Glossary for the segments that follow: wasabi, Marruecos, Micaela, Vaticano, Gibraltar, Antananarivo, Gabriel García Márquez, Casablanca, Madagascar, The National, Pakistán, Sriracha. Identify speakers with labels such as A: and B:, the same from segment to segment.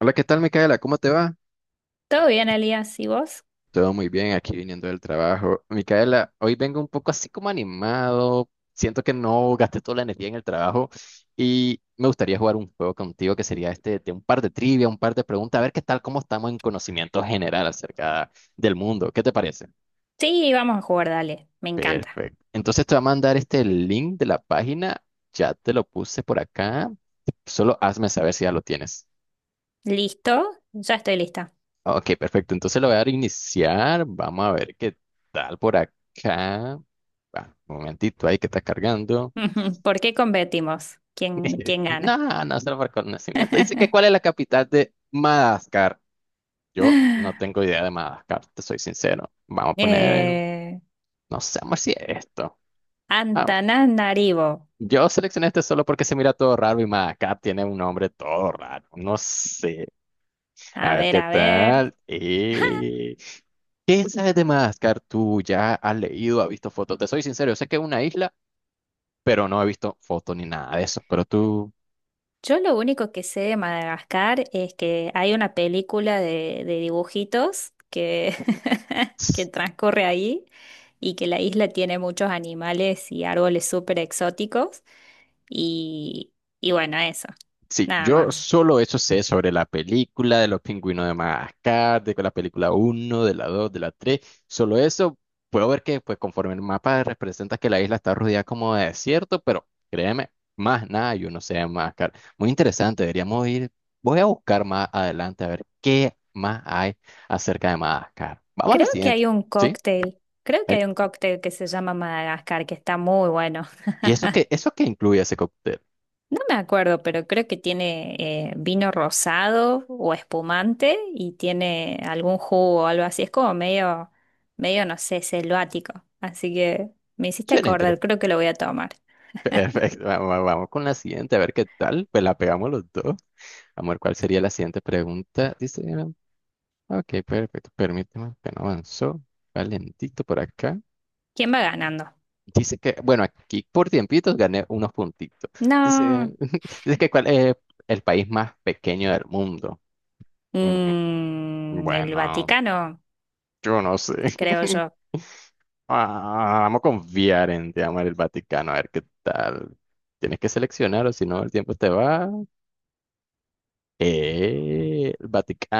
A: Hola, ¿qué tal, Micaela? ¿Cómo te va?
B: ¿Todo bien, Elías? ¿Y vos?
A: Todo muy bien, aquí viniendo del trabajo. Micaela, hoy vengo un poco así como animado. Siento que no gasté toda la energía en el trabajo y me gustaría jugar un juego contigo que sería este de un par de trivia, un par de preguntas, a ver qué tal, cómo estamos en conocimiento general acerca del mundo. ¿Qué te parece?
B: Sí, vamos a jugar, dale. Me encanta.
A: Perfecto. Entonces te voy a mandar este link de la página. Ya te lo puse por acá. Solo hazme saber si ya lo tienes.
B: ¿Listo? Ya estoy lista.
A: Ok, perfecto. Entonces lo voy a dar iniciar. Vamos a ver qué tal por acá. Ah, un momentito ahí que está cargando.
B: ¿Por qué competimos? ¿Quién, quién gana?
A: No, no se lo marcó el nacimiento. Dice que cuál es la capital de Madagascar. Yo no tengo idea de Madagascar, te soy sincero. Vamos a poner,
B: eh,
A: no sé, amor, si es esto. Vamos.
B: Antananarivo.
A: Yo seleccioné este solo porque se mira todo raro y Madagascar tiene un nombre todo raro. No sé.
B: A
A: A ver
B: ver,
A: qué
B: a ver.
A: tal. ¿Quién sabe de Madagascar? Tú ya has leído, has visto fotos. Te soy sincero, yo sé que es una isla, pero no he visto fotos ni nada de eso. Pero tú.
B: Yo lo único que sé de Madagascar es que hay una película de dibujitos que, que transcurre ahí y que la isla tiene muchos animales y árboles súper exóticos. Y, y bueno, eso.
A: Sí,
B: Nada
A: yo
B: más.
A: solo eso sé sobre la película de los pingüinos de Madagascar, de la película uno, de la 2, de la 3. Solo eso puedo ver que pues conforme el mapa representa que la isla está rodeada como de desierto, pero créeme, más nada yo no sé de Madagascar. Muy interesante, deberíamos ir. Voy a buscar más adelante a ver qué más hay acerca de Madagascar. Vamos a la
B: Creo que
A: siguiente,
B: hay un
A: ¿sí?
B: cóctel, creo que hay
A: Eh,
B: un cóctel que se llama Madagascar, que está muy bueno.
A: ¿Y eso qué incluye ese cóctel?
B: No me acuerdo, pero creo que tiene vino rosado o espumante y tiene algún jugo o algo así. Es como medio, medio, no sé, selvático. Así que me hiciste
A: Suena
B: acordar,
A: interesante.
B: creo que lo voy a tomar.
A: Perfecto, vamos, vamos con la siguiente, a ver qué tal. Pues la pegamos los dos. Amor, ¿cuál sería la siguiente pregunta? Dice, ah, ok, perfecto. Permíteme, que no avanzó. Valentito por acá.
B: ¿Quién va ganando?
A: Dice que, bueno, aquí por tiempitos gané unos puntitos. Dice,
B: No,
A: dice que cuál es el país más pequeño del mundo. Mm,
B: el
A: Bueno,
B: Vaticano,
A: yo no sé.
B: creo yo.
A: Ah, vamos a confiar en, te amor, el Vaticano, a ver qué tal. Tienes que seleccionar o si no el tiempo te va. El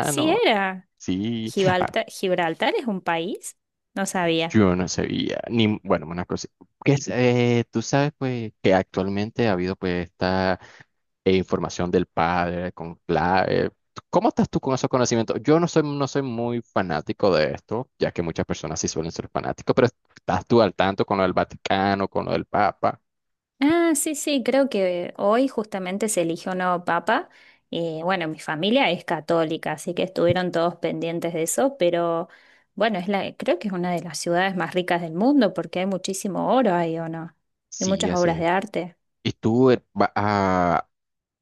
B: Sí era.
A: Sí. Ah,
B: Gibraltar, Gibraltar es un país, no sabía.
A: yo no sabía, ni, bueno, una cosa, que es, tú sabes pues que actualmente ha habido pues esta información del padre con clave. ¿Cómo estás tú con esos conocimientos? Yo no soy, no soy muy fanático de esto, ya que muchas personas sí suelen ser fanáticos, pero ¿estás tú al tanto con lo del Vaticano, con lo del Papa?
B: Ah, sí, sí, creo que hoy justamente se eligió un nuevo papa. Bueno, mi familia es católica, así que estuvieron todos pendientes de eso, pero bueno, creo que es una de las ciudades más ricas del mundo porque hay muchísimo oro ahí, ¿o no? Y
A: Sí,
B: muchas
A: así
B: obras de
A: es.
B: arte.
A: ¿Y tú vas a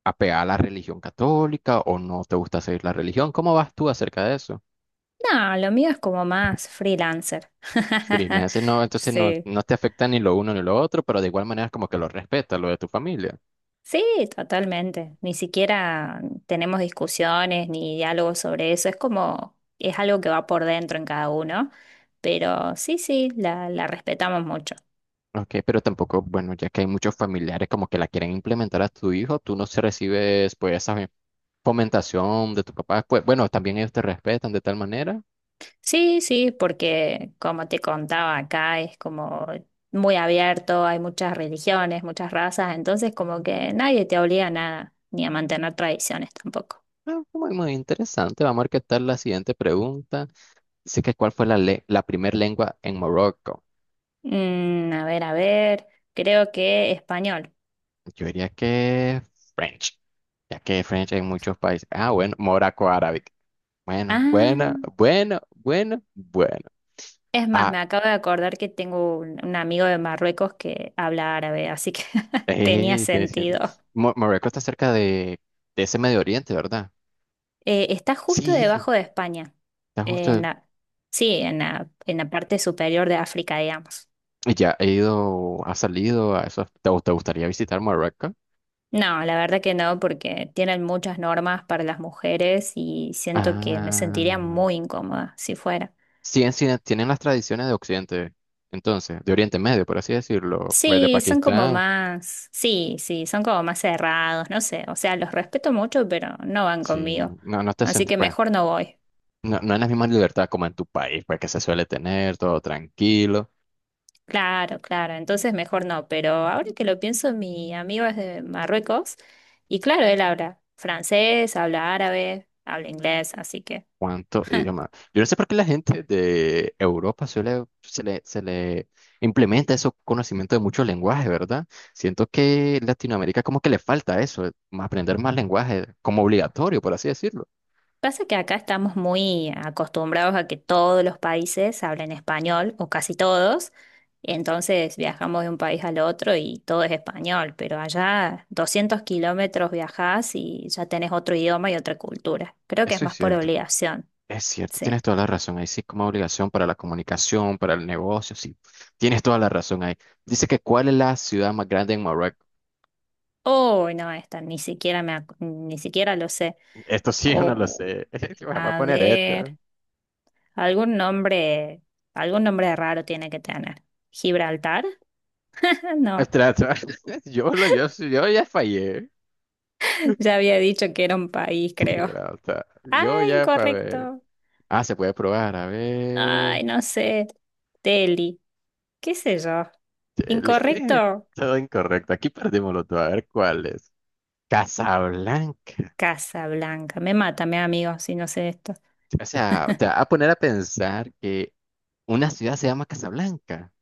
A: apegar a la religión católica o no te gusta seguir la religión? ¿Cómo vas tú acerca de eso?
B: No, lo mío es como más freelancer.
A: Freelance, no, entonces no,
B: Sí.
A: no te afecta ni lo uno ni lo otro, pero de igual manera es como que lo respeta, lo de tu familia.
B: Sí, totalmente. Ni siquiera tenemos discusiones ni diálogos sobre eso. Es algo que va por dentro en cada uno. Pero sí, sí, la respetamos mucho.
A: Ok, pero tampoco, bueno, ya que hay muchos familiares como que la quieren implementar a tu hijo, tú no se recibes pues esa fomentación de tu papá. Pues bueno, también ellos te respetan de tal manera.
B: Sí, sí, porque como te contaba acá, es como muy abierto, hay muchas religiones, muchas razas, entonces como que nadie te obliga a nada, ni a mantener tradiciones tampoco.
A: Ah, muy, muy interesante. Vamos a ver qué tal la siguiente pregunta. Dice que cuál fue la primera lengua en Morocco.
B: A ver, a ver, creo que español.
A: Yo diría que French, ya que French hay en muchos países. Ah, bueno, Morocco árabe. Bueno, bueno,
B: Ah.
A: bueno, bueno, bueno.
B: Es más,
A: Ah,
B: me acabo de acordar que tengo un amigo de Marruecos que habla árabe, así que tenía
A: tienes gente.
B: sentido.
A: Marruecos está cerca de ese Medio Oriente, ¿verdad?
B: Está justo
A: Sí,
B: debajo de España,
A: está
B: en
A: justo.
B: la, sí, en la parte superior de África, digamos.
A: Y ya he ido, ha salido a eso. ¿Te gustaría visitar Marruecos?
B: No, la verdad que no, porque tienen muchas normas para las mujeres y siento que me sentiría
A: Ah,
B: muy incómoda si fuera.
A: sí, en sí, tienen las tradiciones de Occidente, entonces, de Oriente Medio, por así decirlo. Pues de
B: Sí,
A: Pakistán,
B: sí, sí, son como más cerrados, no sé, o sea, los respeto mucho, pero no van conmigo,
A: sí. No, no te
B: así
A: sentís,
B: que
A: pues,
B: mejor no voy.
A: no, no es la misma libertad como en tu país, pues que se suele tener, todo tranquilo.
B: Claro, claro, entonces mejor no, pero ahora que lo pienso, mi amigo es de Marruecos y claro, él habla francés, habla árabe, habla inglés, así que
A: Cuánto idioma. Yo no sé por qué la gente de Europa suele, se le implementa ese conocimiento de muchos lenguajes, ¿verdad? Siento que Latinoamérica como que le falta eso, más aprender más lenguajes como obligatorio, por así decirlo.
B: pasa que acá estamos muy acostumbrados a que todos los países hablen español o casi todos, entonces viajamos de un país al otro y todo es español, pero allá 200 kilómetros viajás y ya tenés otro idioma y otra cultura. Creo que es
A: Eso
B: más por obligación,
A: es cierto,
B: sí.
A: tienes toda la razón. Ahí sí como obligación para la comunicación, para el negocio, sí. Tienes toda la razón ahí. Dice que ¿cuál es la ciudad más grande en Marruecos?
B: Oh, no, esta ni siquiera ni siquiera lo sé.
A: Esto sí, yo no lo
B: O,
A: sé. Voy a
B: a
A: poner esto.
B: ver, algún nombre, algún nombre raro tiene que tener. ¿Gibraltar? No,
A: Trato. Yo ya fallé.
B: ya había dicho que era un país,
A: Y
B: creo.
A: bravo o sea,
B: Ah,
A: yo ya para ver.
B: incorrecto.
A: Ah, se puede probar, a
B: Ay,
A: ver.
B: no sé. Delhi, qué sé yo.
A: Chele.
B: Incorrecto.
A: Todo incorrecto. Aquí perdimos los dos. A ver cuál es. Casablanca.
B: Casa Blanca. Me mata, mi amigo, si no sé esto.
A: O sea, te va a poner a pensar que una ciudad se llama Casablanca.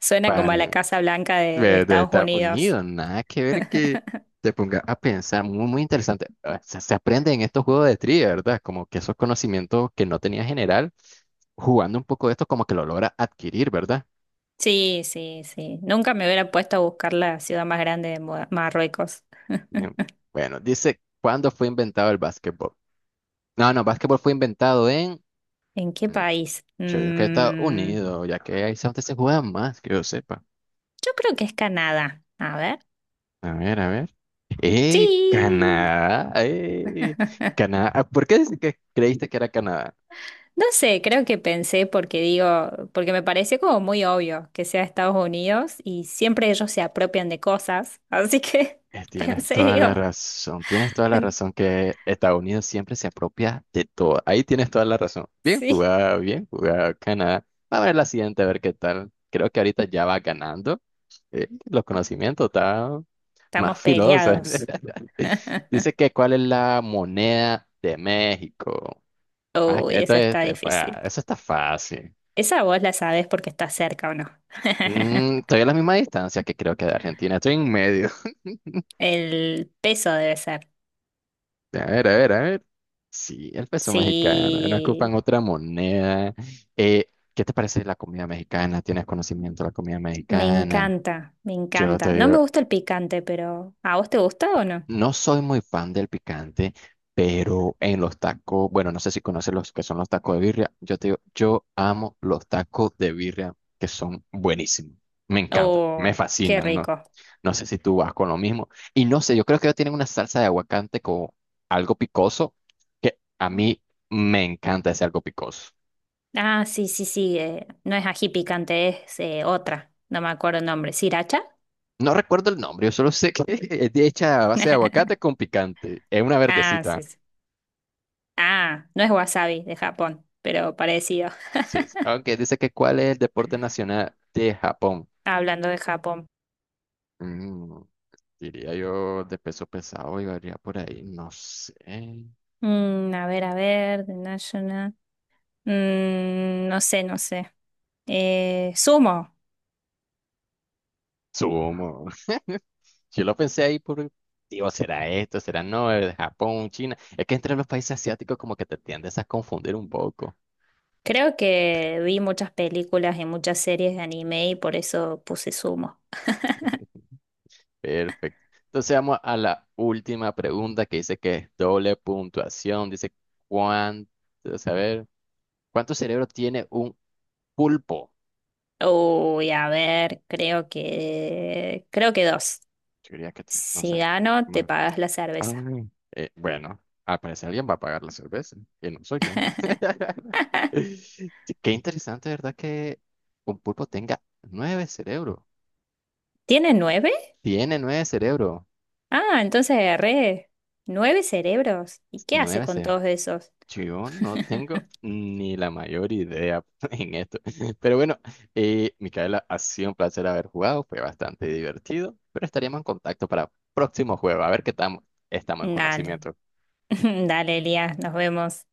B: Suena
A: Para
B: como a la Casa Blanca de
A: de
B: Estados
A: Estados
B: Unidos.
A: Unidos, nada que ver que te ponga a pensar. Muy, muy interesante. O sea, se aprende en estos juegos de trivia, ¿verdad? Como que esos conocimientos que no tenía general, jugando un poco de esto, como que lo logra adquirir, ¿verdad?
B: Sí, sí, sí. Nunca me hubiera puesto a buscar la ciudad más grande de Marruecos.
A: Bien. Bueno, dice, ¿cuándo fue inventado el básquetbol? No, no, básquetbol fue inventado en...
B: ¿En qué
A: mm,
B: país?
A: Yo digo que Estados Unidos, ya que ahí es donde se juega más, que yo sepa.
B: Yo creo que es Canadá. A ver.
A: A ver, a ver. ¡Eh,
B: Sí.
A: Canadá! ¡Eh, Canadá! Ah, ¿por qué dice que creíste que era Canadá?
B: No sé, creo que pensé porque digo, porque me parece como muy obvio que sea Estados Unidos y siempre ellos se apropian de cosas. Así que
A: Tienes
B: pensé,
A: toda la
B: digo,
A: razón, tienes toda la
B: en-
A: razón que Estados Unidos siempre se apropia de todo. Ahí tienes toda la razón.
B: sí,
A: Bien jugado, Canadá. A ver la siguiente, a ver qué tal. Creo que ahorita ya va ganando. Los conocimientos, está más
B: estamos
A: filoso.
B: peleados.
A: Dice que cuál es la moneda de México. Ah,
B: Uy, esa está difícil.
A: eso está fácil.
B: Esa vos la sabés porque está cerca o no.
A: Estoy a la misma distancia que creo que de Argentina. Estoy en medio.
B: El peso debe ser.
A: A ver, a ver, a ver. Sí, el peso mexicano. No
B: Sí,
A: ocupan otra moneda. ¿Qué te parece la comida mexicana? ¿Tienes conocimiento de la comida
B: me
A: mexicana?
B: encanta, me
A: Yo
B: encanta.
A: te
B: No me
A: digo.
B: gusta el picante, pero ¿a vos te gusta o no?
A: No soy muy fan del picante, pero en los tacos, bueno, no sé si conoces los que son los tacos de birria. Yo te digo, yo amo los tacos de birria que son buenísimos. Me encantan,
B: Oh,
A: me
B: qué
A: fascinan, ¿no?
B: rico.
A: No sé si tú vas con lo mismo. Y no sé, yo creo que ellos tienen una salsa de aguacate con algo picoso, que a mí me encanta ese algo picoso.
B: Ah, sí, sí, sí. No es ají picante, es otra. No me acuerdo el nombre. ¿Sriracha?
A: No recuerdo el nombre, yo solo sé que es de hecha a base de aguacate con picante. Es una
B: Ah, sí,
A: verdecita.
B: sí. Ah, no es wasabi de Japón, pero parecido.
A: Sí, aunque dice que cuál es el deporte nacional de Japón.
B: Hablando de Japón.
A: Mm, Diría yo de peso pesado y varía por ahí, no sé.
B: A ver, a ver, The National. No sé, no sé. Sumo.
A: Sumo. Yo lo pensé ahí por, digo, ¿será esto? ¿Será no? ¿Es Japón, China? Es que entre los países asiáticos como que te tiendes a confundir un poco.
B: Creo que vi muchas películas y muchas series de anime y por eso puse sumo.
A: Perfecto. Entonces vamos a la última pregunta que dice que es doble puntuación. Dice, ¿cuánto, a ver, cuánto cerebro tiene un pulpo?
B: Uy, a ver, creo que dos.
A: Yo diría que tres, no
B: Si
A: sé.
B: gano, te
A: Bueno,
B: pagas la
A: Ah,
B: cerveza.
A: eh, bueno, al parecer alguien va a pagar la cerveza y no soy yo. Sí, qué interesante, ¿verdad? Que un pulpo tenga nueve cerebros.
B: ¿Tiene nueve?
A: Tiene nueve cerebros.
B: Ah, entonces agarré nueve cerebros. ¿Y qué hace
A: Nueve
B: con
A: ce-
B: todos esos?
A: Yo no tengo ni la mayor idea en esto. Pero bueno, Micaela, ha sido un placer haber jugado. Fue bastante divertido. Pero estaríamos en contacto para próximo juego. A ver qué estamos en
B: Dale,
A: conocimiento.
B: dale, Elías, nos vemos.